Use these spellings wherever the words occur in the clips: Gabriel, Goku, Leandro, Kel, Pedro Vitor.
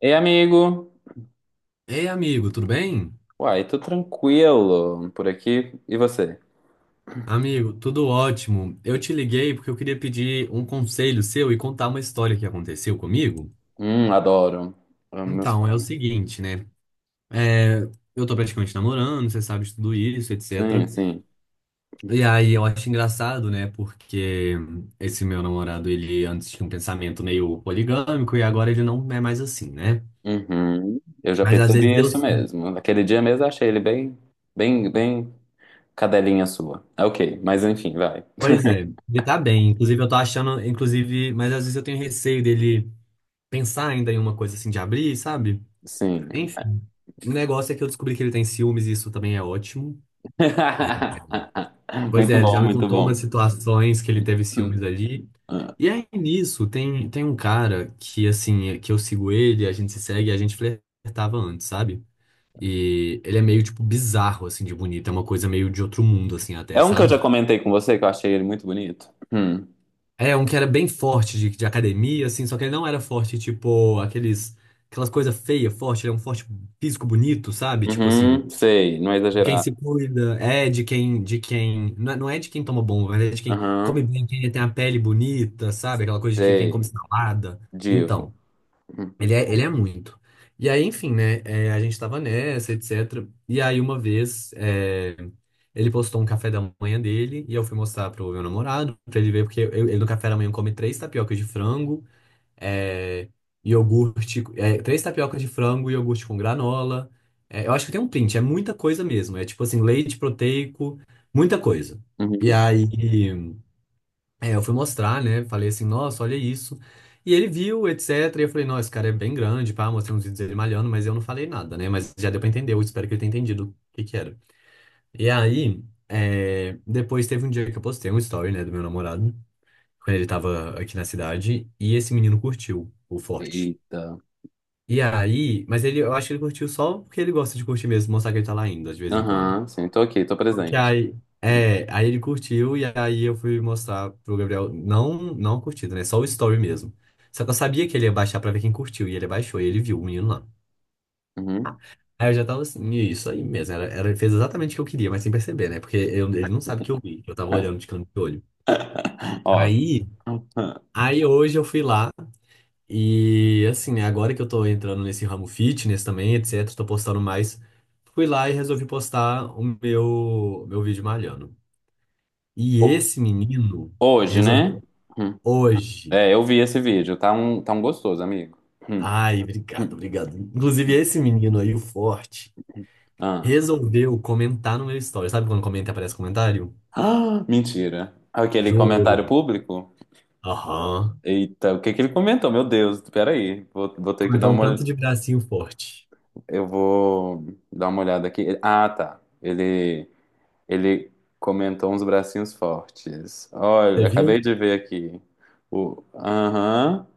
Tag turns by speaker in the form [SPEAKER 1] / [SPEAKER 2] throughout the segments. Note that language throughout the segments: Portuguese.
[SPEAKER 1] Ei, amigo!
[SPEAKER 2] Ei, amigo, tudo bem?
[SPEAKER 1] Uai, tô tranquilo por aqui. E você?
[SPEAKER 2] Amigo, tudo ótimo. Eu te liguei porque eu queria pedir um conselho seu e contar uma história que aconteceu comigo.
[SPEAKER 1] Adoro. Amo meus-
[SPEAKER 2] Então, é o seguinte, né? É, eu tô praticamente namorando, você sabe de tudo isso,
[SPEAKER 1] Sim,
[SPEAKER 2] etc.
[SPEAKER 1] sim.
[SPEAKER 2] E aí eu acho engraçado, né? Porque esse meu namorado, ele antes tinha um pensamento meio poligâmico e agora ele não é mais assim, né?
[SPEAKER 1] Uhum. Eu já
[SPEAKER 2] Mas às vezes
[SPEAKER 1] percebi
[SPEAKER 2] eu.
[SPEAKER 1] isso mesmo. Naquele dia mesmo eu achei ele bem, bem, bem cadelinha sua. É ok, mas enfim, vai.
[SPEAKER 2] Pois é, ele tá bem. Inclusive, eu tô achando, inclusive, mas às vezes eu tenho receio dele pensar ainda em uma coisa assim de abrir, sabe?
[SPEAKER 1] Sim.
[SPEAKER 2] Enfim, o negócio é que eu descobri que ele tem ciúmes e isso também é ótimo. Pois
[SPEAKER 1] Muito
[SPEAKER 2] é, ele já
[SPEAKER 1] bom,
[SPEAKER 2] me
[SPEAKER 1] muito
[SPEAKER 2] contou umas
[SPEAKER 1] bom.
[SPEAKER 2] situações que ele teve
[SPEAKER 1] Hum,
[SPEAKER 2] ciúmes ali.
[SPEAKER 1] hum.
[SPEAKER 2] E aí nisso, tem um cara que, assim, é, que eu sigo ele, a gente se segue, a gente flertava antes, sabe? E ele é meio, tipo, bizarro, assim, de bonito. É uma coisa meio de outro mundo, assim, até,
[SPEAKER 1] É um que eu já
[SPEAKER 2] sabe?
[SPEAKER 1] comentei com você que eu achei ele muito bonito. Hum.
[SPEAKER 2] É um que era bem forte de academia, assim, só que ele não era forte, tipo, aqueles, aquelas coisas feias, forte. Ele é um forte físico bonito, sabe? Tipo assim.
[SPEAKER 1] Uhum, sei, não é
[SPEAKER 2] Quem
[SPEAKER 1] exagerado.
[SPEAKER 2] se cuida, é de quem, não é de quem toma bomba, mas é de quem come
[SPEAKER 1] Aham,
[SPEAKER 2] bem, quem tem a pele bonita, sabe? Aquela coisa de que quem come
[SPEAKER 1] sei,
[SPEAKER 2] salada.
[SPEAKER 1] divo.
[SPEAKER 2] Então,
[SPEAKER 1] Hum.
[SPEAKER 2] ele é muito. E aí, enfim, né? A gente tava nessa, etc. E aí, uma vez, ele postou um café da manhã dele e eu fui mostrar pro meu namorado, pra ele ver, porque ele no café da manhã come três tapiocas de frango, é, iogurte, três tapiocas de frango, iogurte com granola. É, eu acho que tem um print, é muita coisa mesmo. É tipo assim, leite proteico, muita coisa. E
[SPEAKER 1] Uhum.
[SPEAKER 2] aí eu fui mostrar, né? Falei assim, nossa, olha isso. E ele viu, etc. E eu falei, nossa, esse cara é bem grande, pá, mostrei uns vídeos dele malhando, mas eu não falei nada, né? Mas já deu pra entender, eu espero que ele tenha entendido o que que era. E aí, depois teve um dia que eu postei um story, né, do meu namorado, quando ele tava aqui na cidade, e esse menino curtiu o forte.
[SPEAKER 1] Eita.
[SPEAKER 2] E aí, mas ele, eu acho que ele curtiu só porque ele gosta de curtir mesmo, mostrar que ele tá lá indo, de vez em quando.
[SPEAKER 1] Aham, sim, tô aqui, tô
[SPEAKER 2] Só que
[SPEAKER 1] presente.
[SPEAKER 2] aí, aí ele curtiu e aí eu fui mostrar pro Gabriel, não, não curtido, né? Só o story mesmo. Só que eu sabia que ele ia baixar pra ver quem curtiu, e ele baixou, e ele viu o menino lá.
[SPEAKER 1] Uhum.
[SPEAKER 2] Aí eu já tava assim, isso aí mesmo, era, ele fez exatamente o que eu queria, mas sem perceber, né? Porque ele não sabe que eu vi, que eu tava olhando de canto de olho.
[SPEAKER 1] Ó,
[SPEAKER 2] Aí, aí, hoje eu fui lá. E assim, né, agora que eu tô entrando nesse ramo fitness também, etc, tô postando mais. Fui lá e resolvi postar o meu vídeo malhando. E esse menino
[SPEAKER 1] hoje, né?
[SPEAKER 2] resolveu
[SPEAKER 1] Hum.
[SPEAKER 2] hoje.
[SPEAKER 1] É, eu vi esse vídeo, tá um gostoso, amigo. Hum,
[SPEAKER 2] Ai, obrigado,
[SPEAKER 1] hum,
[SPEAKER 2] obrigado. Inclusive
[SPEAKER 1] hum.
[SPEAKER 2] esse menino aí, o forte,
[SPEAKER 1] Ah.
[SPEAKER 2] resolveu comentar no meu story. Sabe quando comenta e aparece comentário?
[SPEAKER 1] Ah, mentira. Aquele comentário
[SPEAKER 2] Juro.
[SPEAKER 1] público?
[SPEAKER 2] Aham.
[SPEAKER 1] Eita, o que que ele comentou? Meu Deus, peraí, vou ter que
[SPEAKER 2] Comentar
[SPEAKER 1] dar
[SPEAKER 2] um
[SPEAKER 1] uma
[SPEAKER 2] tanto
[SPEAKER 1] olhada.
[SPEAKER 2] de bracinho forte.
[SPEAKER 1] Eu vou dar uma olhada aqui. Ah, tá. Ele comentou uns bracinhos fortes.
[SPEAKER 2] Você
[SPEAKER 1] Olha,
[SPEAKER 2] viu?
[SPEAKER 1] acabei de ver aqui. O, aham.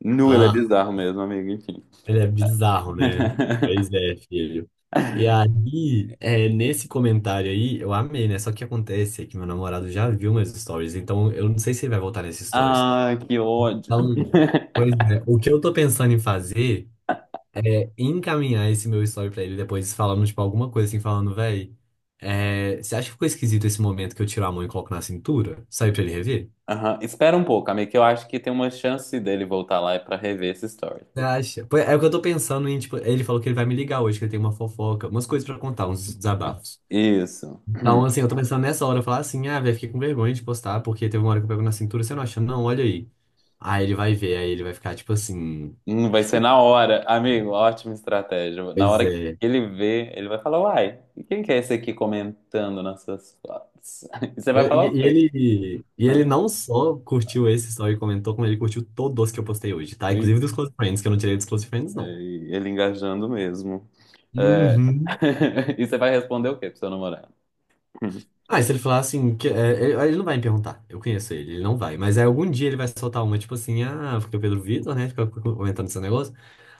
[SPEAKER 1] Nu, ele é bizarro mesmo, amigo, enfim.
[SPEAKER 2] Ele é bizarro, né? Pois é, filho. E aí, nesse comentário aí, eu amei, né? Só que acontece é que meu namorado já viu meus stories, então eu não sei se ele vai voltar nesses stories.
[SPEAKER 1] Ai, que ódio.
[SPEAKER 2] Então, pois é, o que eu tô pensando em fazer é encaminhar esse meu story pra ele depois, falando, tipo, alguma coisa assim, falando, véi, você acha que ficou esquisito esse momento que eu tiro a mão e coloco na cintura? Sai pra ele rever?
[SPEAKER 1] Aham, espera um pouco, amigo, que eu acho que tem uma chance dele voltar lá pra rever essa história.
[SPEAKER 2] Você acha? Pô, é o que eu tô pensando em, tipo, ele falou que ele vai me ligar hoje, que ele tem uma fofoca, umas coisas pra contar, uns desabafos.
[SPEAKER 1] Isso.
[SPEAKER 2] Então, assim, eu tô pensando nessa hora, eu falar assim, ah, velho, fiquei com vergonha de postar, porque teve uma hora que eu pego na cintura, você não acha? Não, olha aí. Aí ele vai ver, aí ele vai ficar tipo assim.
[SPEAKER 1] Vai ser na hora, amigo, ótima estratégia. Na
[SPEAKER 2] Pois
[SPEAKER 1] hora que
[SPEAKER 2] é.
[SPEAKER 1] ele vê, ele vai falar, uai, e quem que é esse aqui comentando nessas fotos? E você
[SPEAKER 2] E,
[SPEAKER 1] vai falar o
[SPEAKER 2] e
[SPEAKER 1] quê?
[SPEAKER 2] ele, e ele
[SPEAKER 1] Ah,
[SPEAKER 2] não só curtiu esse story e comentou, como ele curtiu todos que eu postei hoje, tá?
[SPEAKER 1] e-
[SPEAKER 2] Inclusive dos Close Friends, que eu não tirei dos Close Friends, não.
[SPEAKER 1] ele engajando mesmo. É.
[SPEAKER 2] Uhum.
[SPEAKER 1] E você vai responder o quê pro seu namorado?
[SPEAKER 2] Ah, e se ele falar assim, que, ele não vai me perguntar, eu conheço ele, ele não vai. Mas aí algum dia ele vai soltar uma, tipo assim, ah, porque o Pedro Vitor, né, fica comentando esse negócio.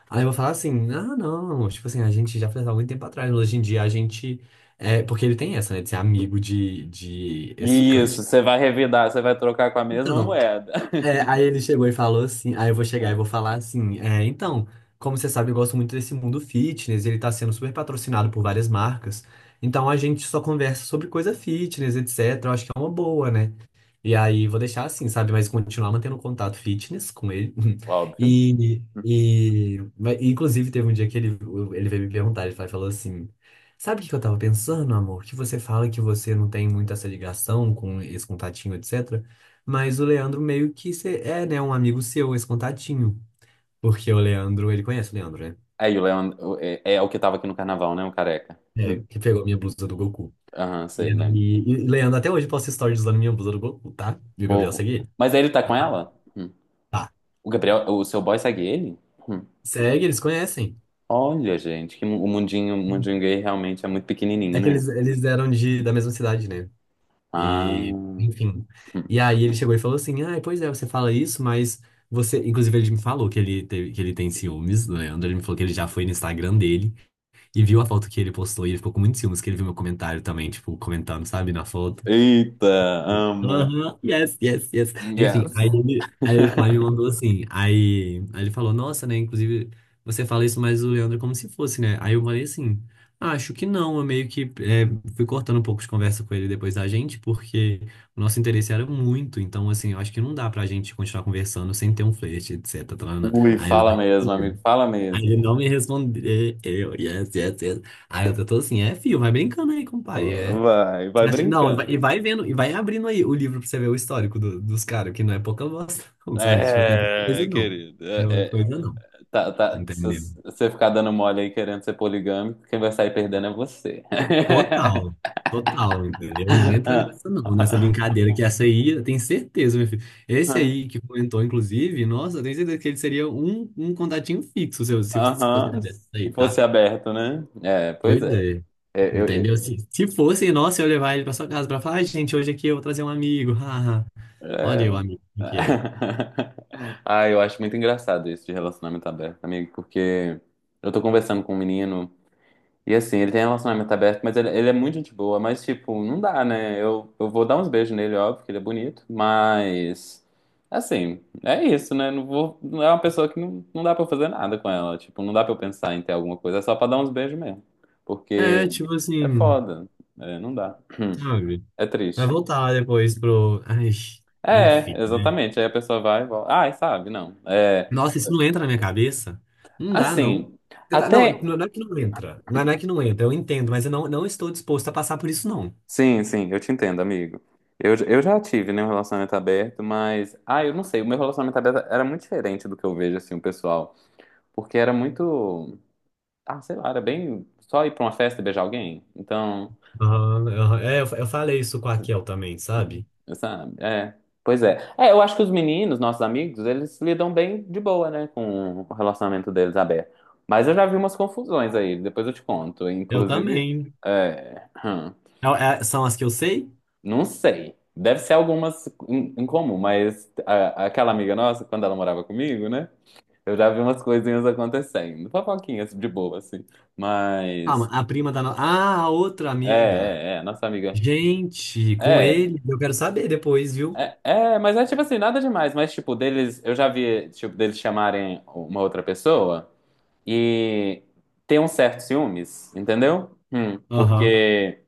[SPEAKER 2] Aí eu vou falar assim, ah, não, tipo assim, a gente já fez há muito tempo atrás, mas hoje em dia a gente. É, porque ele tem essa, né, de ser amigo de
[SPEAKER 1] Isso,
[SPEAKER 2] ex-ficante.
[SPEAKER 1] você vai revidar, você vai trocar com a mesma
[SPEAKER 2] Então,
[SPEAKER 1] moeda.
[SPEAKER 2] aí ele chegou e falou assim, aí eu vou chegar e
[SPEAKER 1] É,
[SPEAKER 2] vou falar assim, então, como você sabe, eu gosto muito desse mundo fitness, ele tá sendo super patrocinado por várias marcas, então a gente só conversa sobre coisa fitness, etc. Eu acho que é uma boa, né? E aí vou deixar assim, sabe? Mas continuar mantendo contato fitness com ele.
[SPEAKER 1] óbvio.
[SPEAKER 2] Mas, inclusive teve um dia que ele veio me perguntar, ele falou assim, sabe o que que eu tava pensando, amor? Que você fala que você não tem muito essa ligação com esse contatinho, etc. Mas o Leandro meio que é, né, um amigo seu, esse contatinho. Porque o Leandro, ele conhece o Leandro, né?
[SPEAKER 1] Aí o Leandro é o que tava aqui no carnaval, né? O careca. Hum.
[SPEAKER 2] É, que pegou minha blusa do Goku.
[SPEAKER 1] Aham,
[SPEAKER 2] E
[SPEAKER 1] sei, lembro.
[SPEAKER 2] aí, e Leandro até hoje posta stories usando minha blusa do Goku, tá? E o Gabriel
[SPEAKER 1] Fofo.
[SPEAKER 2] segue ele?
[SPEAKER 1] Mas aí ele tá com ela? Hum.
[SPEAKER 2] Tá.
[SPEAKER 1] O Gabriel, o seu boy segue ele? Hum.
[SPEAKER 2] Segue, eles conhecem.
[SPEAKER 1] Olha, gente, que o mundinho gay realmente é muito pequenininho,
[SPEAKER 2] É que
[SPEAKER 1] né?
[SPEAKER 2] eles eram da mesma cidade, né? E,
[SPEAKER 1] Ah.
[SPEAKER 2] enfim.
[SPEAKER 1] Hum.
[SPEAKER 2] E aí ele chegou e falou assim: ah, pois é, você fala isso, mas você. Inclusive, ele me falou que ele, teve, que ele tem ciúmes do Leandro. Ele me falou que ele já foi no Instagram dele e viu a foto que ele postou e ele ficou com muitos ciúmes, que ele viu meu comentário também, tipo, comentando, sabe, na foto.
[SPEAKER 1] Eita, amo.
[SPEAKER 2] Aham, yes, yes, yes. Enfim,
[SPEAKER 1] Yes.
[SPEAKER 2] aí o pai me mandou assim. Aí, ele falou, nossa, né? Inclusive, você fala isso, mas o Leandro é como se fosse, né? Aí eu falei assim, "Ah, acho que não. Eu meio que fui cortando um pouco de conversa com ele depois da gente, porque o nosso interesse era muito. Então, assim, eu acho que não dá pra gente continuar conversando sem ter um flerte, etc. taraná."
[SPEAKER 1] Ui,
[SPEAKER 2] Aí ele não
[SPEAKER 1] fala
[SPEAKER 2] me
[SPEAKER 1] mesmo, amigo,
[SPEAKER 2] respondeu.
[SPEAKER 1] fala
[SPEAKER 2] Aí ele
[SPEAKER 1] mesmo.
[SPEAKER 2] não me respondeu. Eu, yes, yes, yes. Aí eu tô assim, filho, vai brincando aí com o pai. É."
[SPEAKER 1] Vai, vai
[SPEAKER 2] Assim, não,
[SPEAKER 1] brincando.
[SPEAKER 2] e vai vendo, e vai abrindo aí o livro pra você ver o histórico dos caras, que não é pouca bosta, não, sabe? Tipo, não é pouca coisa
[SPEAKER 1] É,
[SPEAKER 2] não.
[SPEAKER 1] querido.
[SPEAKER 2] Não é pouca coisa não,
[SPEAKER 1] Tá, tá, se
[SPEAKER 2] entendeu?
[SPEAKER 1] se você ficar dando mole aí querendo ser poligâmico, quem vai sair perdendo é você.
[SPEAKER 2] Total, total, entendeu? Não entra nessa não, nessa brincadeira, que essa aí, eu tenho certeza, meu filho. Esse aí que comentou, inclusive, nossa, eu tenho certeza que ele seria um contatinho fixo, se fosse
[SPEAKER 1] Aham, se
[SPEAKER 2] aí, tá?
[SPEAKER 1] fosse aberto, né? É, pois
[SPEAKER 2] Pois
[SPEAKER 1] é.
[SPEAKER 2] é.
[SPEAKER 1] É, eu,
[SPEAKER 2] Entendeu?
[SPEAKER 1] eu-
[SPEAKER 2] Se fosse, nossa, eu ia levar ele pra sua casa pra falar, "Ai, gente, hoje aqui eu vou trazer um amigo. Haha." Olha aí o
[SPEAKER 1] é.
[SPEAKER 2] amigo que é.
[SPEAKER 1] Ah, eu acho muito engraçado isso de relacionamento aberto, amigo, porque eu tô conversando com um menino. E assim, ele tem relacionamento aberto, mas ele é muito gente boa, mas tipo, não dá, né? Eu vou dar uns beijos nele, óbvio, que ele é bonito, mas assim, é isso, né? Não vou, não é uma pessoa que não, não dá pra eu fazer nada com ela, tipo, não dá pra eu pensar em ter alguma coisa, é só pra dar uns beijos mesmo,
[SPEAKER 2] É,
[SPEAKER 1] porque
[SPEAKER 2] tipo
[SPEAKER 1] é
[SPEAKER 2] assim,
[SPEAKER 1] foda, é, não dá,
[SPEAKER 2] sabe?
[SPEAKER 1] é
[SPEAKER 2] Vai
[SPEAKER 1] triste.
[SPEAKER 2] voltar lá depois pro. Ai,
[SPEAKER 1] É,
[SPEAKER 2] enfim, né?
[SPEAKER 1] exatamente, aí a pessoa vai e volta, ai, sabe, não, é,
[SPEAKER 2] Nossa, isso não entra na minha cabeça? Não dá, não.
[SPEAKER 1] assim,
[SPEAKER 2] Não,
[SPEAKER 1] até
[SPEAKER 2] não é que não entra. Não é que não entra, eu entendo, mas eu não, não estou disposto a passar por isso, não.
[SPEAKER 1] sim, sim, eu te entendo, amigo. Eu já tive, né, um relacionamento aberto, mas. Ah, eu não sei, o meu relacionamento aberto era muito diferente do que eu vejo, assim, o pessoal. Porque era muito. Ah, sei lá, era bem. Só ir pra uma festa e beijar alguém. Então,
[SPEAKER 2] Aham, aham. É, eu, eu falei isso com a Kel também, sabe?
[SPEAKER 1] sabe? É. Pois é. É, eu acho que os meninos, nossos amigos, eles lidam bem de boa, né, com o relacionamento deles aberto. Mas eu já vi umas confusões aí, depois eu te conto.
[SPEAKER 2] Eu
[SPEAKER 1] Inclusive.
[SPEAKER 2] também.
[SPEAKER 1] É. Hum.
[SPEAKER 2] É- São as que eu sei?
[SPEAKER 1] Não sei. Deve ser algumas em comum, mas aquela amiga nossa, quando ela morava comigo, né? Eu já vi umas coisinhas acontecendo. Fofoquinhas de boa, assim.
[SPEAKER 2] Calma,
[SPEAKER 1] Mas.
[SPEAKER 2] a prima da. Ah, a outra
[SPEAKER 1] É,
[SPEAKER 2] amiga.
[SPEAKER 1] é, é. Nossa amiga.
[SPEAKER 2] Gente, com
[SPEAKER 1] É,
[SPEAKER 2] ele, eu quero saber depois, viu?
[SPEAKER 1] é, é, mas é tipo assim, nada demais. Mas, tipo, deles. Eu já vi, tipo, deles chamarem uma outra pessoa e ter um certo ciúmes, entendeu?
[SPEAKER 2] Aham.
[SPEAKER 1] Porque.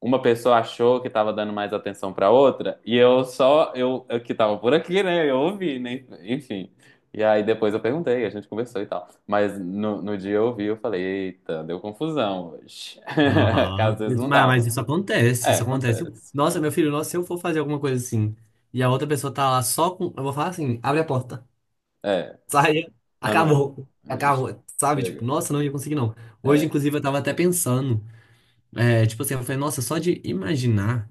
[SPEAKER 1] Uma pessoa achou que estava dando mais atenção para outra e eu só eu que estava por aqui, né? Eu ouvi, né? Enfim. E aí depois eu perguntei, a gente conversou e tal. Mas no dia eu ouvi, eu falei, eita, deu confusão hoje. Que às
[SPEAKER 2] Aham.
[SPEAKER 1] vezes
[SPEAKER 2] Isso-
[SPEAKER 1] não
[SPEAKER 2] mas
[SPEAKER 1] dava.
[SPEAKER 2] isso acontece,
[SPEAKER 1] É,
[SPEAKER 2] isso acontece.
[SPEAKER 1] acontece.
[SPEAKER 2] Nossa, meu filho, nossa, se eu for fazer alguma coisa assim e a outra pessoa tá lá só com. Eu vou falar assim: abre a porta,
[SPEAKER 1] É,
[SPEAKER 2] saia,
[SPEAKER 1] aham.
[SPEAKER 2] acabou, acabou, sabe? Tipo,
[SPEAKER 1] Chega.
[SPEAKER 2] nossa, não ia conseguir não. Hoje,
[SPEAKER 1] É.
[SPEAKER 2] inclusive, eu tava até pensando, tipo assim, eu falei, nossa, só de imaginar,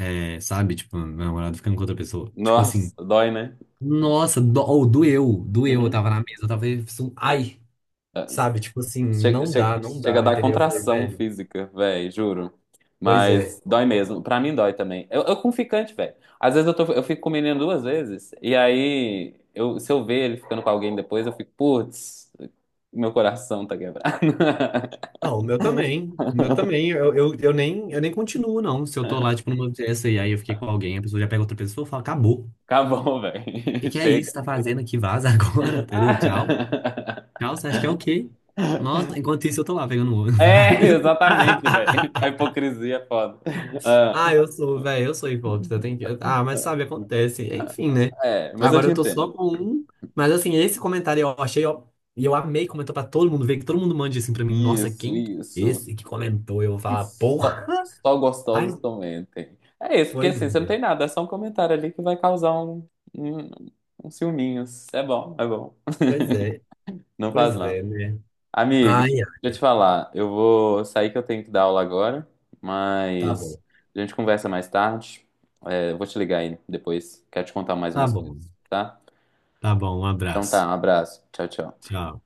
[SPEAKER 2] sabe? Tipo, meu namorado ficando com outra pessoa. Tipo assim,
[SPEAKER 1] Nossa, dói, né?
[SPEAKER 2] nossa, ou doeu, doeu. Eu
[SPEAKER 1] Uhum.
[SPEAKER 2] tava na mesa, eu tava. Assim, ai,
[SPEAKER 1] É,
[SPEAKER 2] sabe? Tipo assim,
[SPEAKER 1] chega,
[SPEAKER 2] não dá,
[SPEAKER 1] chega,
[SPEAKER 2] não
[SPEAKER 1] chega a
[SPEAKER 2] dá,
[SPEAKER 1] dar
[SPEAKER 2] entendeu? Eu falei,
[SPEAKER 1] contração
[SPEAKER 2] velho,
[SPEAKER 1] física, velho, juro.
[SPEAKER 2] pois é.
[SPEAKER 1] Mas dói mesmo. Pra mim dói também. Eu com ficante, velho. Às vezes eu fico com o menino duas vezes, e aí eu, se eu ver ele ficando com alguém depois, eu fico, putz, meu coração tá quebrado.
[SPEAKER 2] Não, o meu também. O meu também. Eu nem continuo, não. Se eu tô lá, tipo, numa festa e aí eu fiquei com alguém, a pessoa já pega outra pessoa e fala, acabou. O
[SPEAKER 1] Acabou,
[SPEAKER 2] que
[SPEAKER 1] velho.
[SPEAKER 2] que é
[SPEAKER 1] Chega.
[SPEAKER 2] isso? Que tá fazendo aqui? Vaza agora, entendeu? Tchau.
[SPEAKER 1] Ah.
[SPEAKER 2] Tchau, você acha que é o quê? Nossa, enquanto isso eu tô lá pegando o olho.
[SPEAKER 1] É, exatamente, velho. A hipocrisia é foda. Ah,
[SPEAKER 2] Ah, eu sou, velho, eu sou hipócrita. Eu que... Ah, mas sabe, acontece. Enfim, né?
[SPEAKER 1] é, mas eu
[SPEAKER 2] Agora
[SPEAKER 1] te
[SPEAKER 2] eu tô só
[SPEAKER 1] entendo.
[SPEAKER 2] com um. Mas assim, esse comentário eu achei, ó. E eu amei, comentou pra todo mundo ver, que todo mundo mande assim pra mim. Nossa,
[SPEAKER 1] Isso,
[SPEAKER 2] quem?
[SPEAKER 1] isso.
[SPEAKER 2] Esse que comentou, eu vou
[SPEAKER 1] E
[SPEAKER 2] falar, porra.
[SPEAKER 1] só, só
[SPEAKER 2] Ai,
[SPEAKER 1] gostosos comentem. É isso, porque
[SPEAKER 2] pois
[SPEAKER 1] assim, você não
[SPEAKER 2] é,
[SPEAKER 1] tem nada, é só um comentário ali que vai causar um, um ciúminho. É bom, é bom.
[SPEAKER 2] pois é,
[SPEAKER 1] Não
[SPEAKER 2] pois
[SPEAKER 1] faz mal.
[SPEAKER 2] é, né?
[SPEAKER 1] Amigo,
[SPEAKER 2] Ai,
[SPEAKER 1] deixa
[SPEAKER 2] ai,
[SPEAKER 1] eu te falar, eu vou sair que eu tenho que dar aula agora,
[SPEAKER 2] tá
[SPEAKER 1] mas
[SPEAKER 2] bom,
[SPEAKER 1] a gente conversa mais tarde. É, eu vou te ligar aí depois, quero te contar mais
[SPEAKER 2] tá
[SPEAKER 1] umas coisas,
[SPEAKER 2] bom,
[SPEAKER 1] tá?
[SPEAKER 2] tá bom, um
[SPEAKER 1] Então
[SPEAKER 2] abraço.
[SPEAKER 1] tá, um abraço. Tchau, tchau.
[SPEAKER 2] Tchau.